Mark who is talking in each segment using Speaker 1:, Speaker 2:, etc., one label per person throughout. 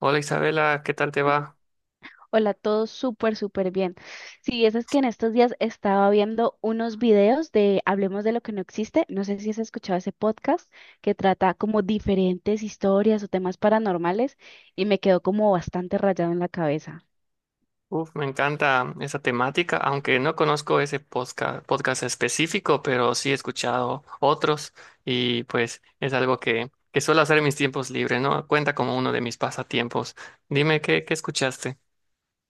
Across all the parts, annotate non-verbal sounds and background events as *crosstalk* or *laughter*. Speaker 1: Hola Isabela, ¿qué tal te va?
Speaker 2: Hola, todo súper, súper bien. Sí, eso es que en estos días estaba viendo unos videos de Hablemos de lo que no existe. No sé si has escuchado ese podcast que trata como diferentes historias o temas paranormales y me quedó como bastante rayado en la cabeza.
Speaker 1: Uf, me encanta esa temática, aunque no conozco ese podcast, específico, pero sí he escuchado otros y pues es algo que suelo hacer en mis tiempos libres, ¿no? Cuenta como uno de mis pasatiempos. Dime, ¿qué escuchaste?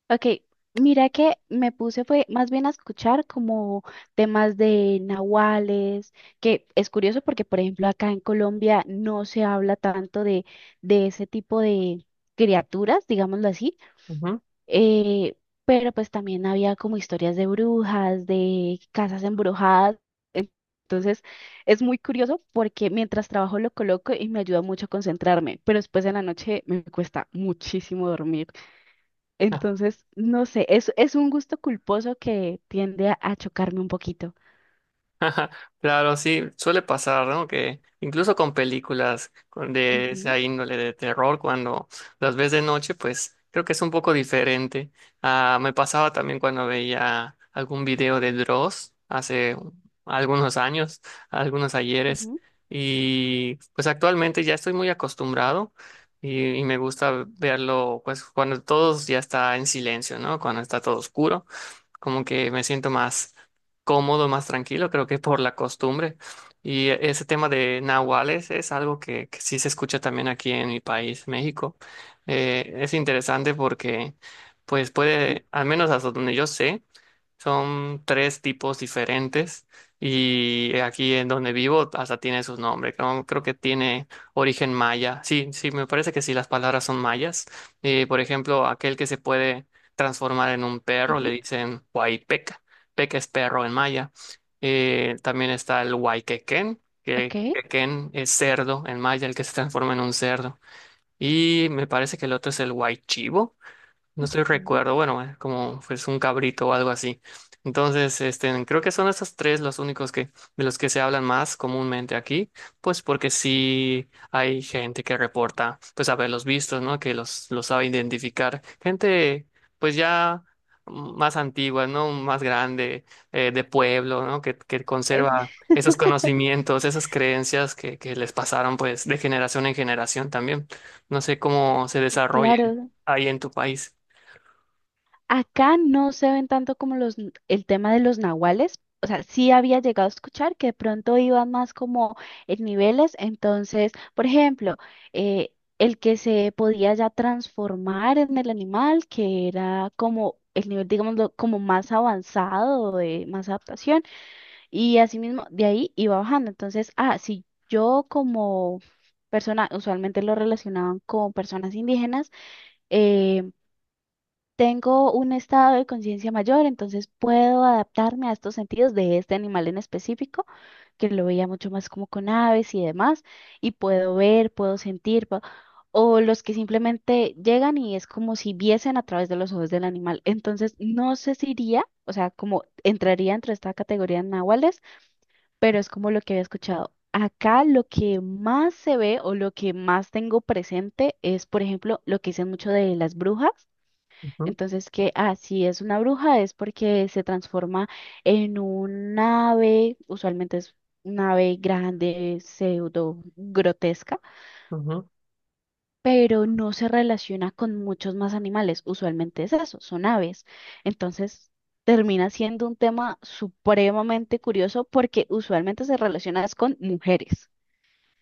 Speaker 2: Ok, mira que me puse fue más bien a escuchar como temas de nahuales, que es curioso porque, por ejemplo, acá en Colombia no se habla tanto de ese tipo de criaturas, digámoslo así.
Speaker 1: Ujú.
Speaker 2: eh, pero pues también había como historias de brujas, de casas embrujadas. en- Entonces es muy curioso porque mientras trabajo lo coloco y me ayuda mucho a concentrarme, pero después en la noche me cuesta muchísimo dormir. Entonces, no sé, es un gusto culposo que tiende a chocarme un poquito.
Speaker 1: Claro, sí, suele pasar, ¿no? Que incluso con películas de
Speaker 2: Ujú,
Speaker 1: esa índole de terror, cuando las ves de noche, pues creo que es un poco diferente. Ah, me pasaba también cuando veía algún video de Dross hace algunos años, algunos ayeres,
Speaker 2: ujú,
Speaker 1: y pues actualmente ya estoy muy acostumbrado y me gusta verlo, pues cuando todos ya está en silencio, ¿no? Cuando está todo oscuro como que me siento más cómodo, más tranquilo, creo que por la costumbre. Y ese tema de nahuales es algo que sí se escucha también aquí en mi país, México. Es interesante porque, pues
Speaker 2: ujú,
Speaker 1: puede, al menos hasta donde yo sé, son tres tipos diferentes y aquí en donde vivo hasta tiene sus nombres. Creo que tiene origen maya. Sí, sí, me parece que sí, las palabras son mayas. Por ejemplo, aquel que se puede transformar en un perro le
Speaker 2: ujú,
Speaker 1: dicen huaypeca. Peca es perro en maya. También está el huayquequén,
Speaker 2: ok.
Speaker 1: que quequén es cerdo en maya, el que se transforma en un cerdo. Y me parece que el otro es el huaychivo no estoy
Speaker 2: Mm.
Speaker 1: recuerdo, bueno, como pues un cabrito o algo así. Entonces, este, creo que son esos tres los únicos que, de los que se hablan más comúnmente aquí, pues porque sí hay gente que reporta, pues haberlos visto, ¿no? Que los sabe identificar. Gente, pues ya más antigua, ¿no? Más grande, de pueblo, ¿no? Que conserva
Speaker 2: Es-
Speaker 1: esos conocimientos, esas creencias que les pasaron, pues, de generación en generación también. No sé cómo se
Speaker 2: *laughs*
Speaker 1: desarrolle
Speaker 2: claro,
Speaker 1: ahí en tu país.
Speaker 2: acá no se ven tanto como el tema de los nahuales. O sea, sí había llegado a escuchar que de pronto iban más como en niveles. Entonces, por ejemplo, eh, el que se podía ya transformar en el animal, que era como el nivel, digamos, como más avanzado, de más adaptación. Y asimismo, de ahí iba bajando. Entonces, ah, si yo como persona, usualmente lo relacionaban con personas indígenas, eh, tengo un estado de conciencia mayor, entonces puedo adaptarme a estos sentidos de este animal en específico, que lo veía mucho más como con aves y demás, y puedo ver, puedo sentir, o los que simplemente llegan y es como si viesen a través de los ojos del animal. Entonces, no sé si iría, o sea, como entraría entre esta categoría de nahuales, pero es como lo que había escuchado. Acá lo que más se ve o lo que más tengo presente es, por ejemplo, lo que dicen mucho de las brujas,
Speaker 1: Ujú,
Speaker 2: entonces, que así es una bruja es porque se transforma en un ave, usualmente es una ave grande, pseudo grotesca,
Speaker 1: ujú.
Speaker 2: pero no se relaciona con muchos más animales. Usualmente es eso, son aves. Entonces, termina siendo un tema supremamente curioso porque usualmente se relaciona es con mujeres.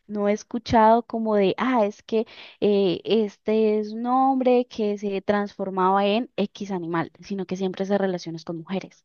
Speaker 2: No he escuchado como de, ah, es que este es un hombre que se transformaba en X animal, sino que siempre se relaciona es con mujeres.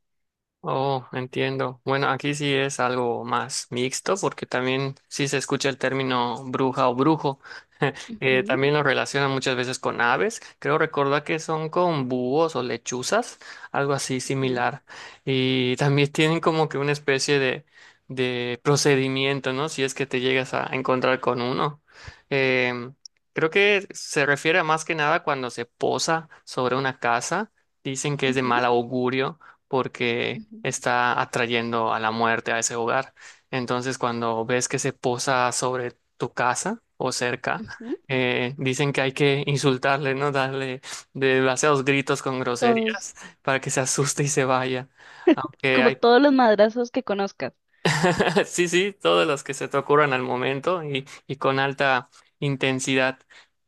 Speaker 1: Oh, entiendo. Bueno, aquí sí es algo más mixto porque también sí se escucha el término bruja o brujo. *laughs*
Speaker 2: Ujú,
Speaker 1: También lo relacionan muchas veces con aves. Creo recordar que son con búhos o lechuzas, algo así
Speaker 2: ujú,
Speaker 1: similar. Y también tienen como que una especie de procedimiento, ¿no? Si es que te llegas a encontrar con uno. Em, Creo que se refiere a más que nada cuando se posa sobre una casa. Dicen que es de
Speaker 2: ujú,
Speaker 1: mal augurio porque
Speaker 2: ujú,
Speaker 1: está atrayendo a la muerte a ese hogar. Entonces, cuando ves que se posa sobre tu casa o cerca,
Speaker 2: ujú.
Speaker 1: dicen que hay que insultarle, ¿no? Darle demasiados gritos con groserías
Speaker 2: Todos,
Speaker 1: para que se asuste y se vaya. Aunque
Speaker 2: como
Speaker 1: hay
Speaker 2: todos los madrazos que conozcas.
Speaker 1: *laughs* Sí, sí, todos los que se te ocurran al momento y con alta intensidad.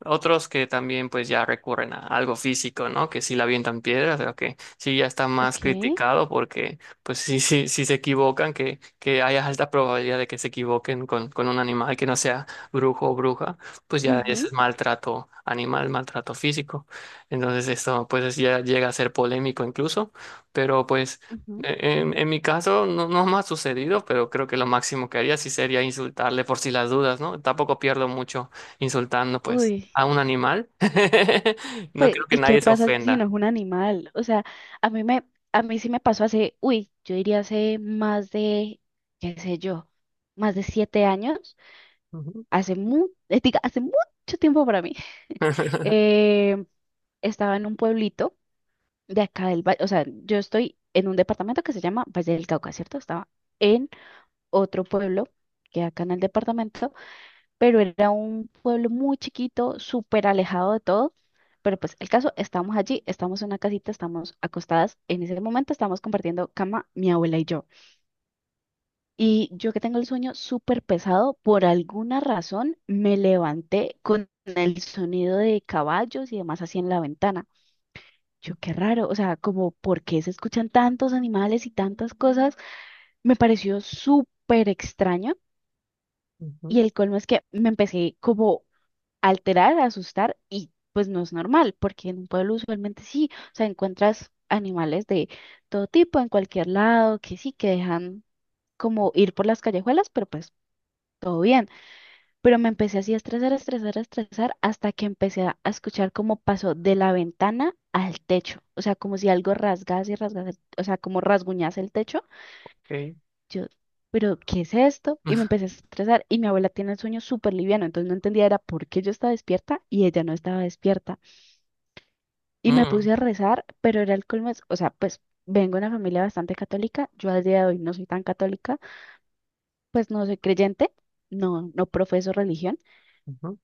Speaker 1: Otros que también pues ya recurren a algo físico, ¿no? Que sí la avientan piedras, pero que sí ya está más
Speaker 2: Ok.
Speaker 1: criticado porque pues sí, sí, sí se equivocan, que haya alta probabilidad de que se equivoquen con un animal que no sea brujo o bruja, pues ya ese
Speaker 2: Ujú,
Speaker 1: es maltrato animal, maltrato físico. Entonces esto pues ya llega a ser polémico incluso, pero pues...
Speaker 2: ujú.
Speaker 1: En mi caso no, no me ha sucedido, pero creo que lo máximo que haría sí sería insultarle por si las dudas, ¿no? Tampoco pierdo mucho insultando pues
Speaker 2: Uy,
Speaker 1: a un animal. *laughs* No
Speaker 2: pues,
Speaker 1: creo que
Speaker 2: ¿y qué
Speaker 1: nadie se
Speaker 2: pasa si no
Speaker 1: ofenda.
Speaker 2: es un animal? O sea, a mí me, a mí sí me pasó hace, uy, yo diría hace más de, qué sé yo, más de 7 años.
Speaker 1: Ujú.
Speaker 2: Hace mucho tiempo para mí, *laughs*
Speaker 1: *laughs*
Speaker 2: eh, estaba en un pueblito de acá del valle, o sea, yo estoy en un departamento que se llama Valle del Cauca, ¿cierto? Estaba en otro pueblo que acá en el departamento, pero era un pueblo muy chiquito, súper alejado de todo. Pero pues el caso, estamos allí, estamos en una casita, estamos acostadas. En ese momento estamos compartiendo cama mi abuela y yo. Y yo que tengo el sueño súper pesado, por alguna razón me levanté con el sonido de caballos y demás así en la ventana. Yo, qué raro, o sea, como por qué se escuchan tantos animales y tantas cosas, me pareció súper extraño.
Speaker 1: Ujú,
Speaker 2: Y el colmo es que me empecé como a alterar, a asustar y pues no es normal, porque en un pueblo usualmente sí, o sea, encuentras animales de todo tipo en cualquier lado, que sí, que dejan como ir por las callejuelas, pero pues todo bien. Pero me empecé así a estresar, a estresar, a estresar, hasta que empecé a escuchar cómo pasó de la ventana al techo, o sea, como si algo rasgase y rasgase, o sea, como rasguñase el techo.
Speaker 1: ok.
Speaker 2: Yo, pero ¿qué es esto? Y me empecé a estresar y mi abuela tiene el sueño súper liviano, entonces no entendía era por qué yo estaba despierta y ella no estaba despierta. Y me
Speaker 1: Mm,
Speaker 2: puse a rezar, pero era el colmo, o sea, pues vengo de una familia bastante católica, yo al día de hoy no soy tan católica, pues no soy creyente, no profeso religión.
Speaker 1: ujú,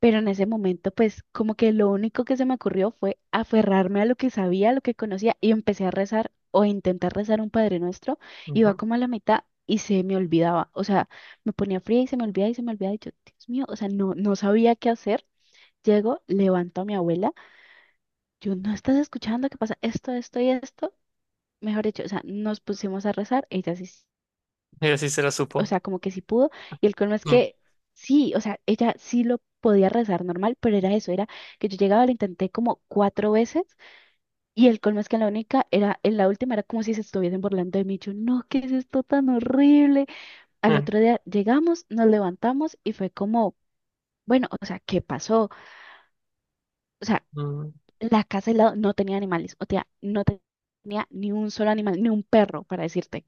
Speaker 2: Pero en ese momento, pues como que lo único que se me ocurrió fue aferrarme a lo que sabía, a lo que conocía y empecé a rezar o a intentar rezar un Padre Nuestro. Iba
Speaker 1: ujú.
Speaker 2: como a la mitad y se me olvidaba. O sea, me ponía fría y se me olvidaba y se me olvidaba. Y yo, Dios mío, o sea, no sabía qué hacer. Llego, levanto a mi abuela. Yo, ¿no estás escuchando qué pasa? Esto y esto. Mejor dicho, o sea, nos pusimos a rezar. Ella sí,
Speaker 1: Ella sí se lo
Speaker 2: o
Speaker 1: supo.
Speaker 2: sea, como que sí pudo, y el colmo es
Speaker 1: Mm,
Speaker 2: que sí, o sea, ella sí lo podía rezar normal, pero era eso, era que yo llegaba, lo intenté como 4 veces, y el colmo es que en la única, en la última era como si se estuviesen burlando de mí, yo, no, ¿qué es esto tan horrible? Al
Speaker 1: mm,
Speaker 2: otro día llegamos, nos levantamos, y fue como, bueno, o sea, ¿qué pasó? O sea,
Speaker 1: mm,
Speaker 2: la casa del lado no tenía animales, o sea, no tenía ni un solo animal, ni un perro, para decirte.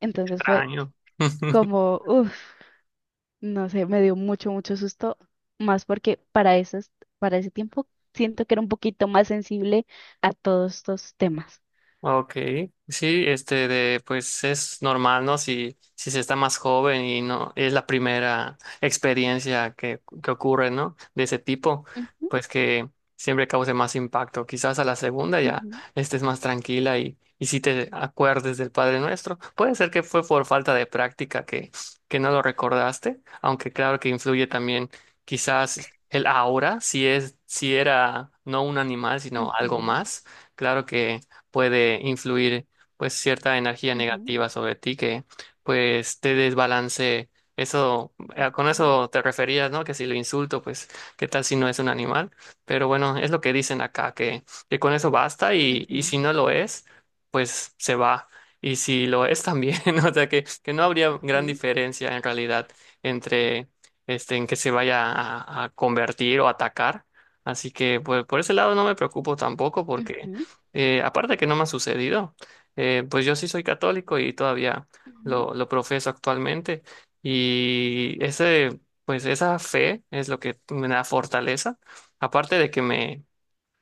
Speaker 2: Entonces fue
Speaker 1: extraño. *laughs*
Speaker 2: como, uff. No sé, me dio mucho, mucho susto, más porque para para ese tiempo siento que era un poquito más sensible a todos estos temas.
Speaker 1: Ok, sí, este de pues es normal, ¿no? Si, si se está más joven y no es la primera experiencia que ocurre, ¿no? De ese tipo,
Speaker 2: Ujú,
Speaker 1: pues que siempre cause más impacto. Quizás a la segunda ya
Speaker 2: ujú,
Speaker 1: estés más tranquila y si te acuerdes del Padre Nuestro. Puede ser que fue por falta de práctica que no lo recordaste, aunque claro que influye también quizás el ahora, si es, si era no un animal, sino algo
Speaker 2: ujú,
Speaker 1: más. Claro que puede influir pues cierta energía
Speaker 2: ujú,
Speaker 1: negativa sobre ti que pues te desbalance. Eso, con eso te referías, ¿no? Que si lo insulto, pues, ¿qué tal si no es un animal? Pero bueno, es lo que dicen acá, que con eso basta y
Speaker 2: ujú,
Speaker 1: si no lo es, pues se va. Y si lo es también, *laughs* o sea que no habría gran
Speaker 2: ujú,
Speaker 1: diferencia en realidad entre este, en que se vaya a convertir o atacar. Así que pues por ese lado no me preocupo tampoco
Speaker 2: ujú,
Speaker 1: porque
Speaker 2: ujú,
Speaker 1: aparte que no me ha sucedido, pues yo sí soy católico y todavía
Speaker 2: ujú,
Speaker 1: lo profeso actualmente y ese, pues esa fe es lo que me da fortaleza, aparte de que me,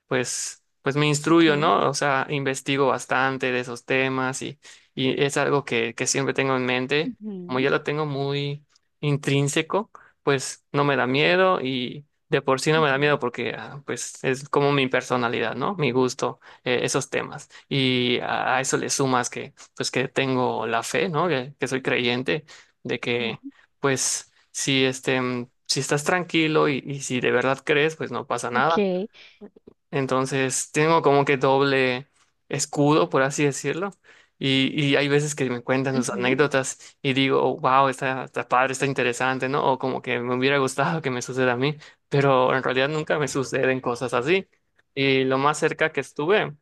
Speaker 1: pues, pues me instruyo,
Speaker 2: okay.
Speaker 1: ¿no? O sea, investigo bastante de esos temas y es algo que siempre tengo en mente. Como
Speaker 2: Ujú,
Speaker 1: ya lo tengo muy intrínseco, pues no me da miedo y de por sí no me da
Speaker 2: ujú,
Speaker 1: miedo porque ah, pues es como mi personalidad, ¿no? Mi gusto, esos temas. Y a eso le sumas que pues que tengo la fe, ¿no? Que soy creyente de
Speaker 2: ujú,
Speaker 1: que pues si este... Si estás tranquilo y si de verdad crees, pues no pasa nada
Speaker 2: okay.
Speaker 1: entonces tengo como que doble escudo, por así decirlo. Y hay veces que me cuentan sus
Speaker 2: Ujú.
Speaker 1: anécdotas y digo, wow, está, está padre, está interesante, ¿no? O como que me hubiera gustado que me suceda a mí, pero en realidad nunca me suceden cosas así. Y lo más cerca que estuve,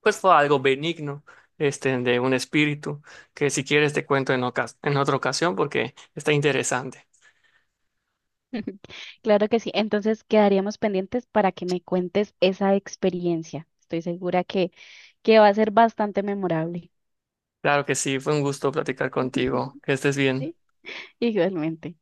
Speaker 1: pues fue algo benigno, este, de un espíritu, que si quieres te cuento en en otra ocasión porque está interesante.
Speaker 2: *laughs* Claro que sí. Entonces quedaríamos pendientes para que me cuentes esa experiencia. Estoy segura que va a ser bastante memorable.
Speaker 1: Claro que sí, fue un gusto platicar contigo.
Speaker 2: *laughs*
Speaker 1: Que estés bien.
Speaker 2: Sí, igualmente.